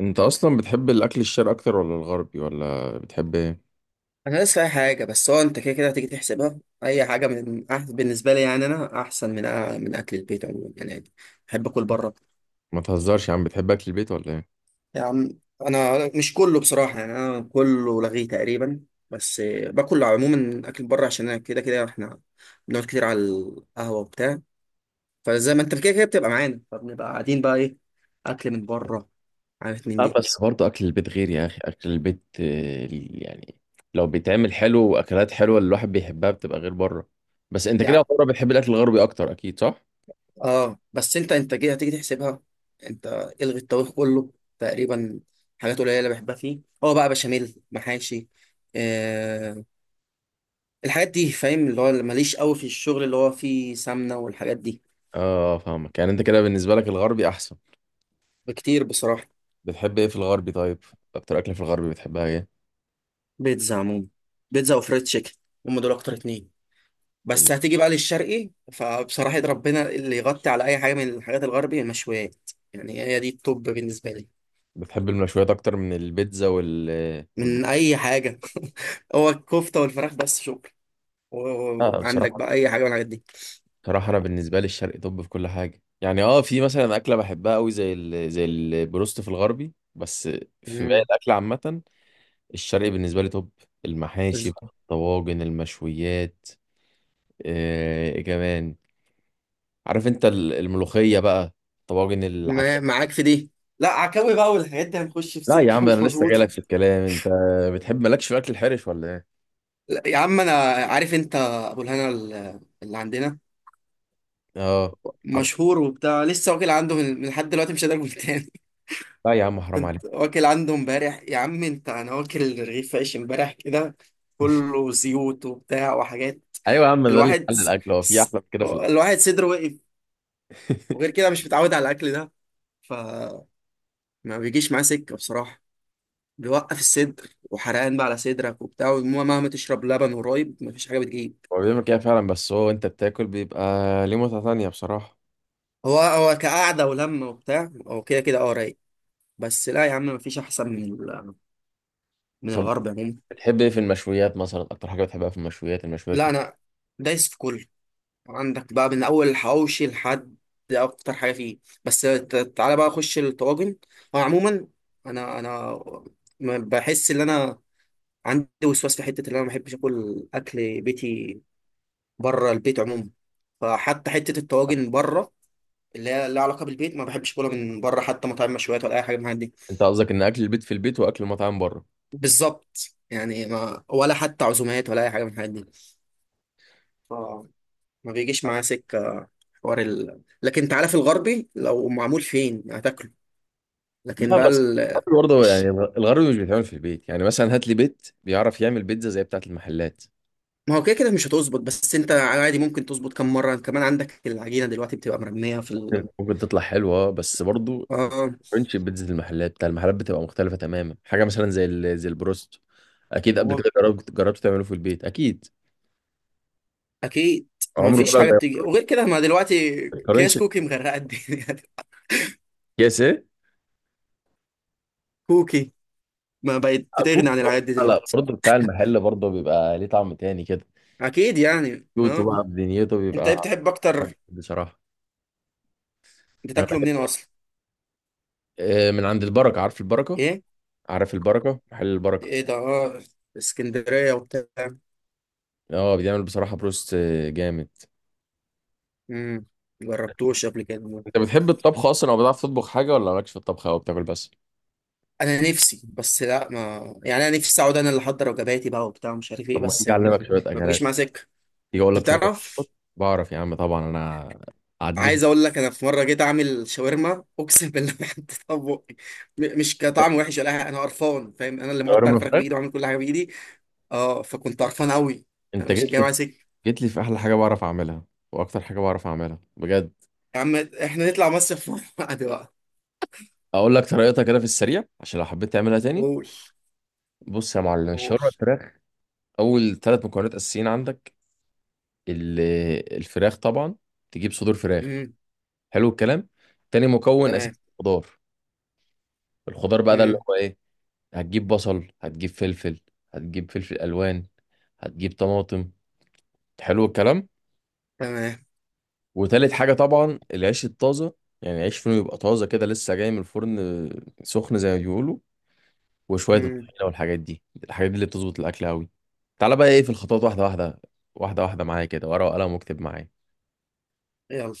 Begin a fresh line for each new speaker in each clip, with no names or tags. انت اصلا بتحب الاكل الشرقي اكتر ولا الغربي ولا بتحب ايه؟
انا لسه اي حاجه. بس هو انت كده كده هتيجي تحسبها اي حاجه بالنسبه لي، يعني انا احسن من اكل البيت عموما يعني. بحب اكل بره.
ما تهزرش يا عم، بتحب اكل البيت ولا ايه؟
يعني انا مش كله بصراحه، يعني انا كله لغيه تقريبا. بس باكل عموما اكل بره عشان انا كده كده احنا بنقعد كتير على القهوه وبتاع، فزي ما انت كده كده بتبقى معانا فبنبقى قاعدين بقى ايه، اكل من بره. عارف من
اه،
دي.
بس برضه اكل البيت غير يا اخي، اكل البيت يعني لو بيتعمل حلو واكلات حلوه اللي الواحد بيحبها بتبقى غير بره. بس انت كده
يعني
بره بتحب الاكل الغربي اكتر، اكيد صح؟
اه، بس انت انتاجيه هتيجي تحسبها. انت الغي الطبيخ كله تقريبا. حاجات قليله اللي بحبها فيه هو بقى بشاميل، محاشي، آه، الحاجات دي فاهم، اللي هو اللي ماليش قوي في الشغل اللي هو فيه سمنه والحاجات دي.
اه فاهمك، يعني انت كده بالنسبه لك الغربي احسن.
بكتير بصراحه.
بتحب ايه في الغربي طيب؟ اكتر اكل في الغربي بتحبها ايه؟
بيتزا عموما، بيتزا وفريد تشيكن. هم دول اكتر اتنين.
ال-
بس هتيجي بقى للشرقي فبصراحه يد ربنا اللي يغطي على اي حاجه من الحاجات الغربي، المشويات يعني، هي دي التوب بالنسبه لي.
بتحب المشويات اكتر من البيتزا وال والبر-
من اي حاجه. هو الكفته والفراخ بس، شكرا.
اه
وعندك
بصراحه،
بقى اي حاجه من الحاجات دي.
صراحة أنا بالنسبة لي الشرق طب في كل حاجة، يعني في مثلا أكلة بحبها أوي زي البروست في الغربي، بس في باقي
مم.
الأكل عامة الشرقي بالنسبة لي طب. المحاشي
بس-
بقى، الطواجن، المشويات، إيه كمان، عارف أنت الملوخية بقى، طواجن
ما
العكاوي.
معاك في دي. لا عكاوي بقى والحاجات دي هنخش في
لا يا
سكه
عم
مش
أنا لسه
مظبوطه.
جايلك في الكلام. أنت بتحب، مالكش في الأكل الحرش، ولا إيه؟
لا، يا عم انا عارف انت ابو الهنا اللي عندنا
أه. عارف.
مشهور وبتاع، لسه واكل عنده من لحد دلوقتي، مش قادر اقول تاني.
لا يا عم، حرام عليك.
كنت واكل عنده امبارح يا عم، انت انا واكل رغيف عيش امبارح كده كله زيوت وبتاع وحاجات.
أيوة يا عم، ده اللي
الواحد
حل
س...
الأكل، هو في
س...
أحلى من كده في الأكل؟
الواحد صدره وقف. وغير كده مش متعود على الاكل ده، فما بيجيش معاه سكه بصراحه. بيوقف الصدر وحرقان بقى على صدرك وبتاع، ومهما تشرب لبن ورايب مفيش حاجه بتجيب.
هو بيعمل كده فعلا، بس هو انت بتاكل بيبقى ليه متعة تانية بصراحة.
هو هو كقعده ولمه وبتاع، هو كده كده اه رايق. بس لا يا عم مفيش احسن من
طب
الغرب عموما.
بتحب ايه في المشويات مثلا؟ اكتر حاجة بتحبها في المشويات؟ المشويات
لا
كتير.
انا دايس في كله. عندك بقى من اول الحواوشي لحد اكتر حاجه فيه. بس تعالى بقى اخش الطواجن. هو عموما انا ما بحس ان انا عندي وسواس في حته، اللي انا ما بحبش اكل اكل بيتي بره البيت عموما. فحتى حته الطواجن بره، اللي هي لها علاقه بالبيت، ما بحبش اكلها من بره، حتى مطاعم مشويات ولا اي حاجه من الحاجات دي.
انت قصدك ان اكل البيت في البيت واكل المطاعم بره؟
بالظبط. يعني ما ولا حتى عزومات ولا اي حاجه من الحاجات دي. ف- ما بيجيش معايا سكه. لكن انت عارف الغربي لو معمول فين هتاكله. لكن
لا
بقى
بس
ال...
الغربي برضه، يعني
الش-
الغربي مش بيتعمل في البيت، يعني مثلا هات لي بيت بيعرف يعمل بيتزا زي بتاعة المحلات.
ما هو كده كده مش هتظبط، بس انت عادي ممكن تظبط كم مره كمان، عندك العجينه دلوقتي بتبقى مرميه
ممكن تطلع حلوة اه، بس برضه
اه.
مش بيتزا المحلات، بتاع المحلات بتبقى مختلفة تماما. حاجة مثلا زي البروست، اكيد قبل
هو
كده جربت تعمله في البيت اكيد.
اكيد ما
عمره
فيش
طلع
حاجه
زي؟
بتيجي، وغير كده ما دلوقتي
ما
كياس
تقارنش.
كوكي مغرقه الدنيا.
كيس ايه؟
كوكي ما بقت بتغني
اكون،
عن العادات دي
لا
دلوقتي.
برضه بتاع المحل برضه بيبقى ليه طعم تاني كده.
اكيد يعني
كيوتو
اه.
بقى بدنيته
انت
بيبقى
ايه بتحب
حلو
اكتر؟
بصراحة. انا
بتاكله منين
بحب
اصلا؟
من عند البركة، عارف البركة؟
ايه؟
عارف البركة، محل البركة.
ايه ده اه، اسكندريه وبتاع.
اه بيعمل بصراحة بروست جامد.
امم جربتوش قبل كده.
انت بتحب الطبخ اصلا او بتعرف تطبخ حاجة، ولا مالكش في الطبخ او بتاكل بس؟
انا نفسي، بس لا ما، يعني انا نفسي اقعد انا اللي احضر وجباتي بقى وبتاع، مش عارف
طب
ايه،
ما
بس
تيجي
ما,
اعلمك شوية
ما
اكلات.
بجيش مع سكه.
تيجي اقول
انت
لك شوية
بتعرف.
وصفات؟ بعرف يا عم طبعا، انا عديت في
عايز اقول لك، انا في مره جيت اعمل شاورما اقسم بالله ما حطيتها في بقي. مش كطعم وحش ولا حاجة، انا قرفان فاهم، انا اللي مقطع
شاورما
الفراخ
فراخ.
بايدي وعامل كل حاجه بايدي، اه، فكنت قرفان قوي. انا
انت
مش
جيت
جاي
لي،
مع سكه.
جيت لي في احلى حاجة بعرف اعملها واكتر حاجة بعرف اعملها بجد.
يا عم احنا نطلع مصيف مع بعض بقى.
اقول لك طريقتها كده في السريع عشان لو حبيت تعملها تاني.
قول.
بص يا معلم
قول.
الشاورما الفراخ. اول ثلاث مكونات اساسيين عندك، ال- الفراخ طبعا. تجيب صدور فراخ.
امم.
حلو الكلام. تاني مكون
تمام.
اساسي الخضار. الخضار بقى ده اللي
امم.
هو ايه؟ هتجيب بصل، هتجيب فلفل، هتجيب فلفل الوان، هتجيب طماطم. حلو الكلام.
تمام.
وتالت حاجه طبعا العيش الطازه، يعني عيش فينو يبقى طازه كده لسه جاي من الفرن سخن زي ما بيقولوا. وشويه
امم.
الطحينه والحاجات دي، الحاجات دي اللي بتظبط الاكل قوي. تعالى بقى ايه في الخطوات، واحده واحده، واحده واحده معايا كده، ورقه وقلم واكتب معايا.
يلا.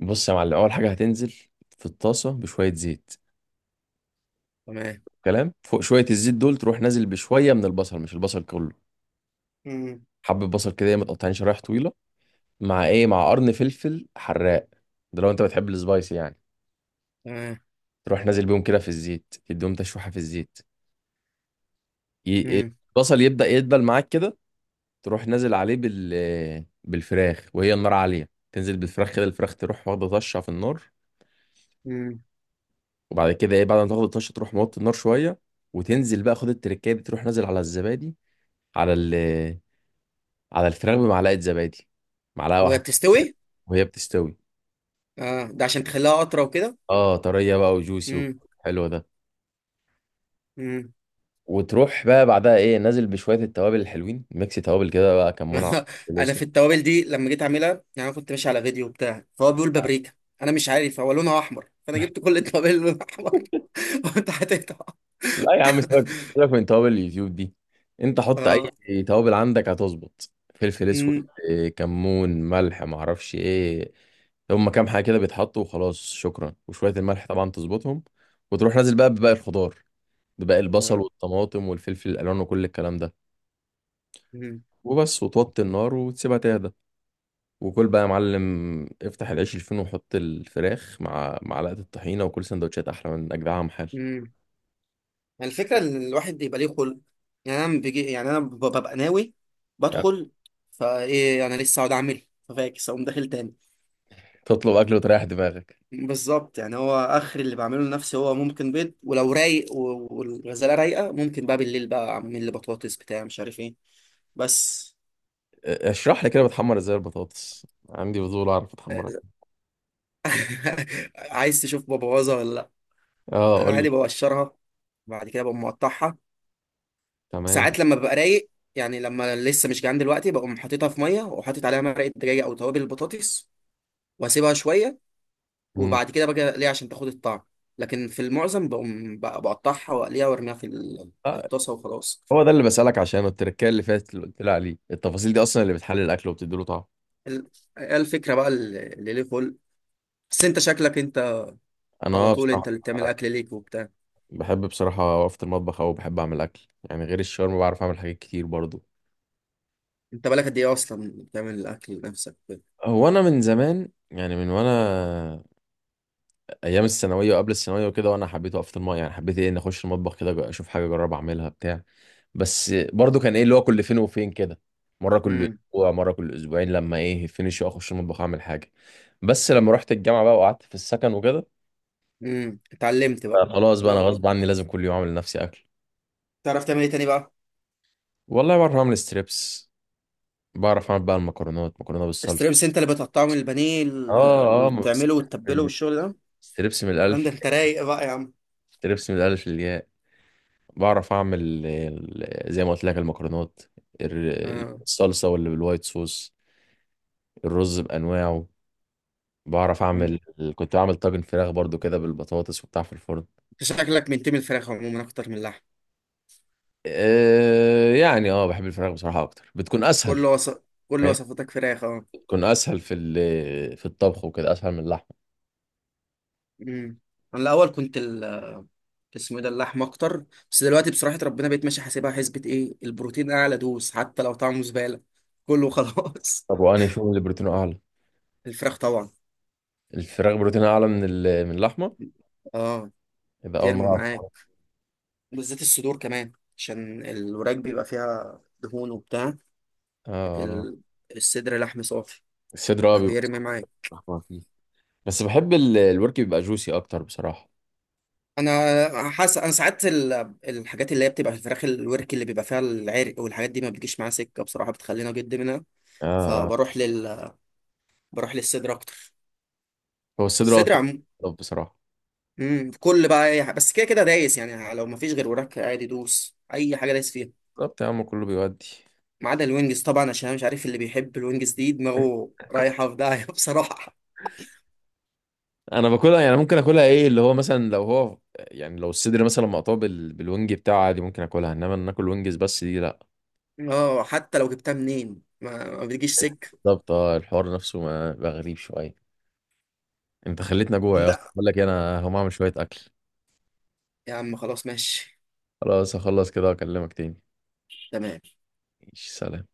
بص يا معلم، اول حاجه هتنزل في الطاسه بشويه زيت.
تمام.
كلام، فوق شويه الزيت دول تروح نازل بشويه من البصل، مش البصل كله،
امم.
حبه بصل كده متقطعين شرايح طويله، مع ايه، مع قرن فلفل حراق، ده لو انت بتحب السبايسي يعني.
تمام.
تروح نازل بيهم كده في الزيت، تديهم تشويحه في الزيت. ي...
امم.
البصل يبدا يدبل معاك كده، تروح نازل عليه بالفراخ وهي النار عاليه. تنزل بالفراخ كده، الفراخ تروح واخده طشه في النار.
امم.
وبعد كده ايه، بعد ما تاخد الطشه تروح موطي النار شويه، وتنزل بقى، خد التركايه دي، تروح نازل على الزبادي، على ال على الفراخ بمعلقه زبادي، معلقه
وهي
واحده
بتستوي؟
وهي بتستوي.
اه ده عشان تخليها اطرى وكده.
اه طريه بقى وجوسي،
امم.
حلو ده.
امم.
وتروح بقى بعدها ايه، نازل بشويه التوابل الحلوين، ميكس توابل كده بقى، كمون، فلفل
انا
اسود.
في التوابل دي لما جيت اعملها، يعني انا كنت ماشي على فيديو بتاع فهو بيقول بابريكا، انا مش عارف هو لونها احمر فانا جبت كل التوابل اللي لونها احمر. وانت حطيتها؟
لا يا عم، سيبك سيبك من توابل اليوتيوب دي، انت حط اي
اه.
توابل عندك هتظبط، فلفل اسود
امم.
كمون، ملح، معرفش ايه، هما كام حاجه كده بيتحطوا وخلاص شكرا، وشويه الملح طبعا تظبطهم. وتروح نازل بقى بباقي الخضار، بباقي البصل
آه.
والطماطم والفلفل الالوان وكل الكلام ده، وبس، وتوطي النار وتسيبها تهدى. وكل بقى يا معلم، افتح العيش الفين، وحط الفراخ مع معلقه الطحينه، وكل سندوتشات احلى من اجدعها محل.
امم. يعني الفكرة إن الواحد يبقى ليه خلق. يعني أنا بيجي، يعني أنا ببقى ناوي
يعني
بدخل، فإيه أنا لسه هقعد أعمل ففاكس أقوم داخل تاني.
تطلب اكل وتريح دماغك.
بالظبط. يعني هو آخر اللي بعمله لنفسي هو ممكن بيض، ولو رايق والغزالة رايقة ممكن بقى بالليل بقى أعمل لي بطاطس بتاع مش عارف إيه. بس.
اشرح لي كده بتحمر ازاي البطاطس، عندي فضول اعرف اتحمرها.
عايز تشوف ببوظها ولا لأ؟
اه
أنا
قول لي.
عادي بقشرها، بعد كده بقوم مقطعها.
تمام.
ساعات لما ببقى رايق، يعني لما لسه مش جعان دلوقتي، بقوم حاططها في ميه وحاطط عليها مرقه دجاج او توابل البطاطس واسيبها شويه،
مم.
وبعد كده باجي اقليها عشان تاخد الطعم. لكن في المعظم بقوم بقطعها واقليها وارميها في
آه،
الطاسه وخلاص.
هو ده اللي بسالك عشانه، التركيه اللي فاتت اللي قلت لي عليه، التفاصيل دي اصلا اللي بتحلل الاكل وبتدي له طعم.
ال- هي الفكره بقى اللي ليه خلق. بس انت شكلك انت
انا
على طول انت
بصراحه
اللي بتعمل اكل ليك وبتاع.
بحب بصراحة أقف في المطبخ، أو بحب أعمل أكل، يعني غير الشاورما بعرف أعمل حاجات كتير برضو.
انت بالك قد ايه اصلا بتعمل الاكل لنفسك وكده؟
هو أنا من زمان يعني، وأنا أيام الثانوية وقبل الثانوية وكده، وأنا حبيت أقف في المطبخ، يعني حبيت إيه، إن أخش المطبخ كده أشوف حاجة أجرب أعملها بتاع. بس برضو كان إيه اللي هو كل فين وفين كده، مرة كل
امم.
أسبوع، مرة كل أسبوعين، لما إيه فينش أخش المطبخ أعمل حاجة. بس لما رحت الجامعة بقى وقعدت في السكن وكده،
امم. اتعلمت بقى.
بقى خلاص بقى، أنا
لو
غصب عني لازم كل يوم أعمل لنفسي أكل.
تعرف تعمل ايه تاني بقى؟
والله بعرف أعمل ستريبس، بعرف أعمل بقى المكرونات، مكرونة بالصلصة.
الستريمس انت اللي بتقطعه من البانيه
اه اه، ما بس-
وتعمله وتتبله والشغل ده؟
ستريبس من الالف،
عندك انت رايق بقى يا عم.
ستريبس من الالف للياء. بعرف اعمل زي ما قلت لك المكرونات،
اه.
الصلصه واللي بالوايت صوص، الرز بانواعه بعرف
انت
اعمل. كنت بعمل طاجن فراخ برضو كده بالبطاطس وبتاع في الفرن.
شكلك منتمي الفراخ عموما اكتر من اللحم.
يعني اه، بحب الفراخ بصراحه اكتر، بتكون
كل
اسهل.
وصف، كل
فاهم
وصفاتك فراخ اه.
بتكون اسهل في الطبخ وكده اسهل من اللحمه.
امم. انا الاول كنت اسمه إيه ده، اللحم اكتر. بس دلوقتي بصراحه ربنا، بقيت ماشي حاسبها حسبه ايه البروتين اعلى دوس، حتى لو طعمه زباله كله خلاص.
طب وانهي فيهم اللي بروتينه اعلى؟
الفراخ طبعا.
الفراخ بروتينه اعلى من اللحمه؟
اه
يبقى اول
ترمي
مره أعرف.
معاك.
اه.
بالذات الصدور كمان عشان الوراك بيبقى فيها دهون وبتاع.
آه، آه.
ال... الصدر لحم صافي،
الصدر اه، بيبقى،
فبيرمي معاك.
بس بحب الورك بيبقى جوسي اكتر بصراحه.
انا حاسس انا ساعات الحاجات اللي هي بتبقى في الفراخ الورك اللي بيبقى فيها العرق والحاجات دي ما بتجيش معاها سكه بصراحه، بتخلينا جد.
آه آه.
فبروح لل بروح للصدر اكتر.
هو الصدر
الصدر
أكتر
عم.
بصراحه.
مم. كل بقى اي حاجه، بس كده كده دايس يعني، لو مفيش غير وراك عادي دوس، اي حاجه دايس فيها.
بالظبط يا عم، كله بيودي.
ما عدا الوينجز طبعا، عشان أنا مش عارف اللي بيحب الوينجز دي دماغه رايحه في داهيه بصراحه.
انا باكلها يعني، ممكن اكلها ايه اللي هو مثلا، لو هو يعني لو الصدر مثلا مقطوع بالوينج بتاعه عادي ممكن اكلها، انما إن ناكل وينجز بس دي لا.
اه حتى لو جبتها منين ما بتجيش سكه.
بالظبط، اه، الحوار نفسه، ما بقى غريب شويه. انت خليتنا جوع يا اسطى،
لا
بقول لك انا هقوم اعمل شويه اكل.
يا عم خلاص ماشي.
خلاص هخلص كده واكلمك تاني.
تمام.
ماشي، سلام.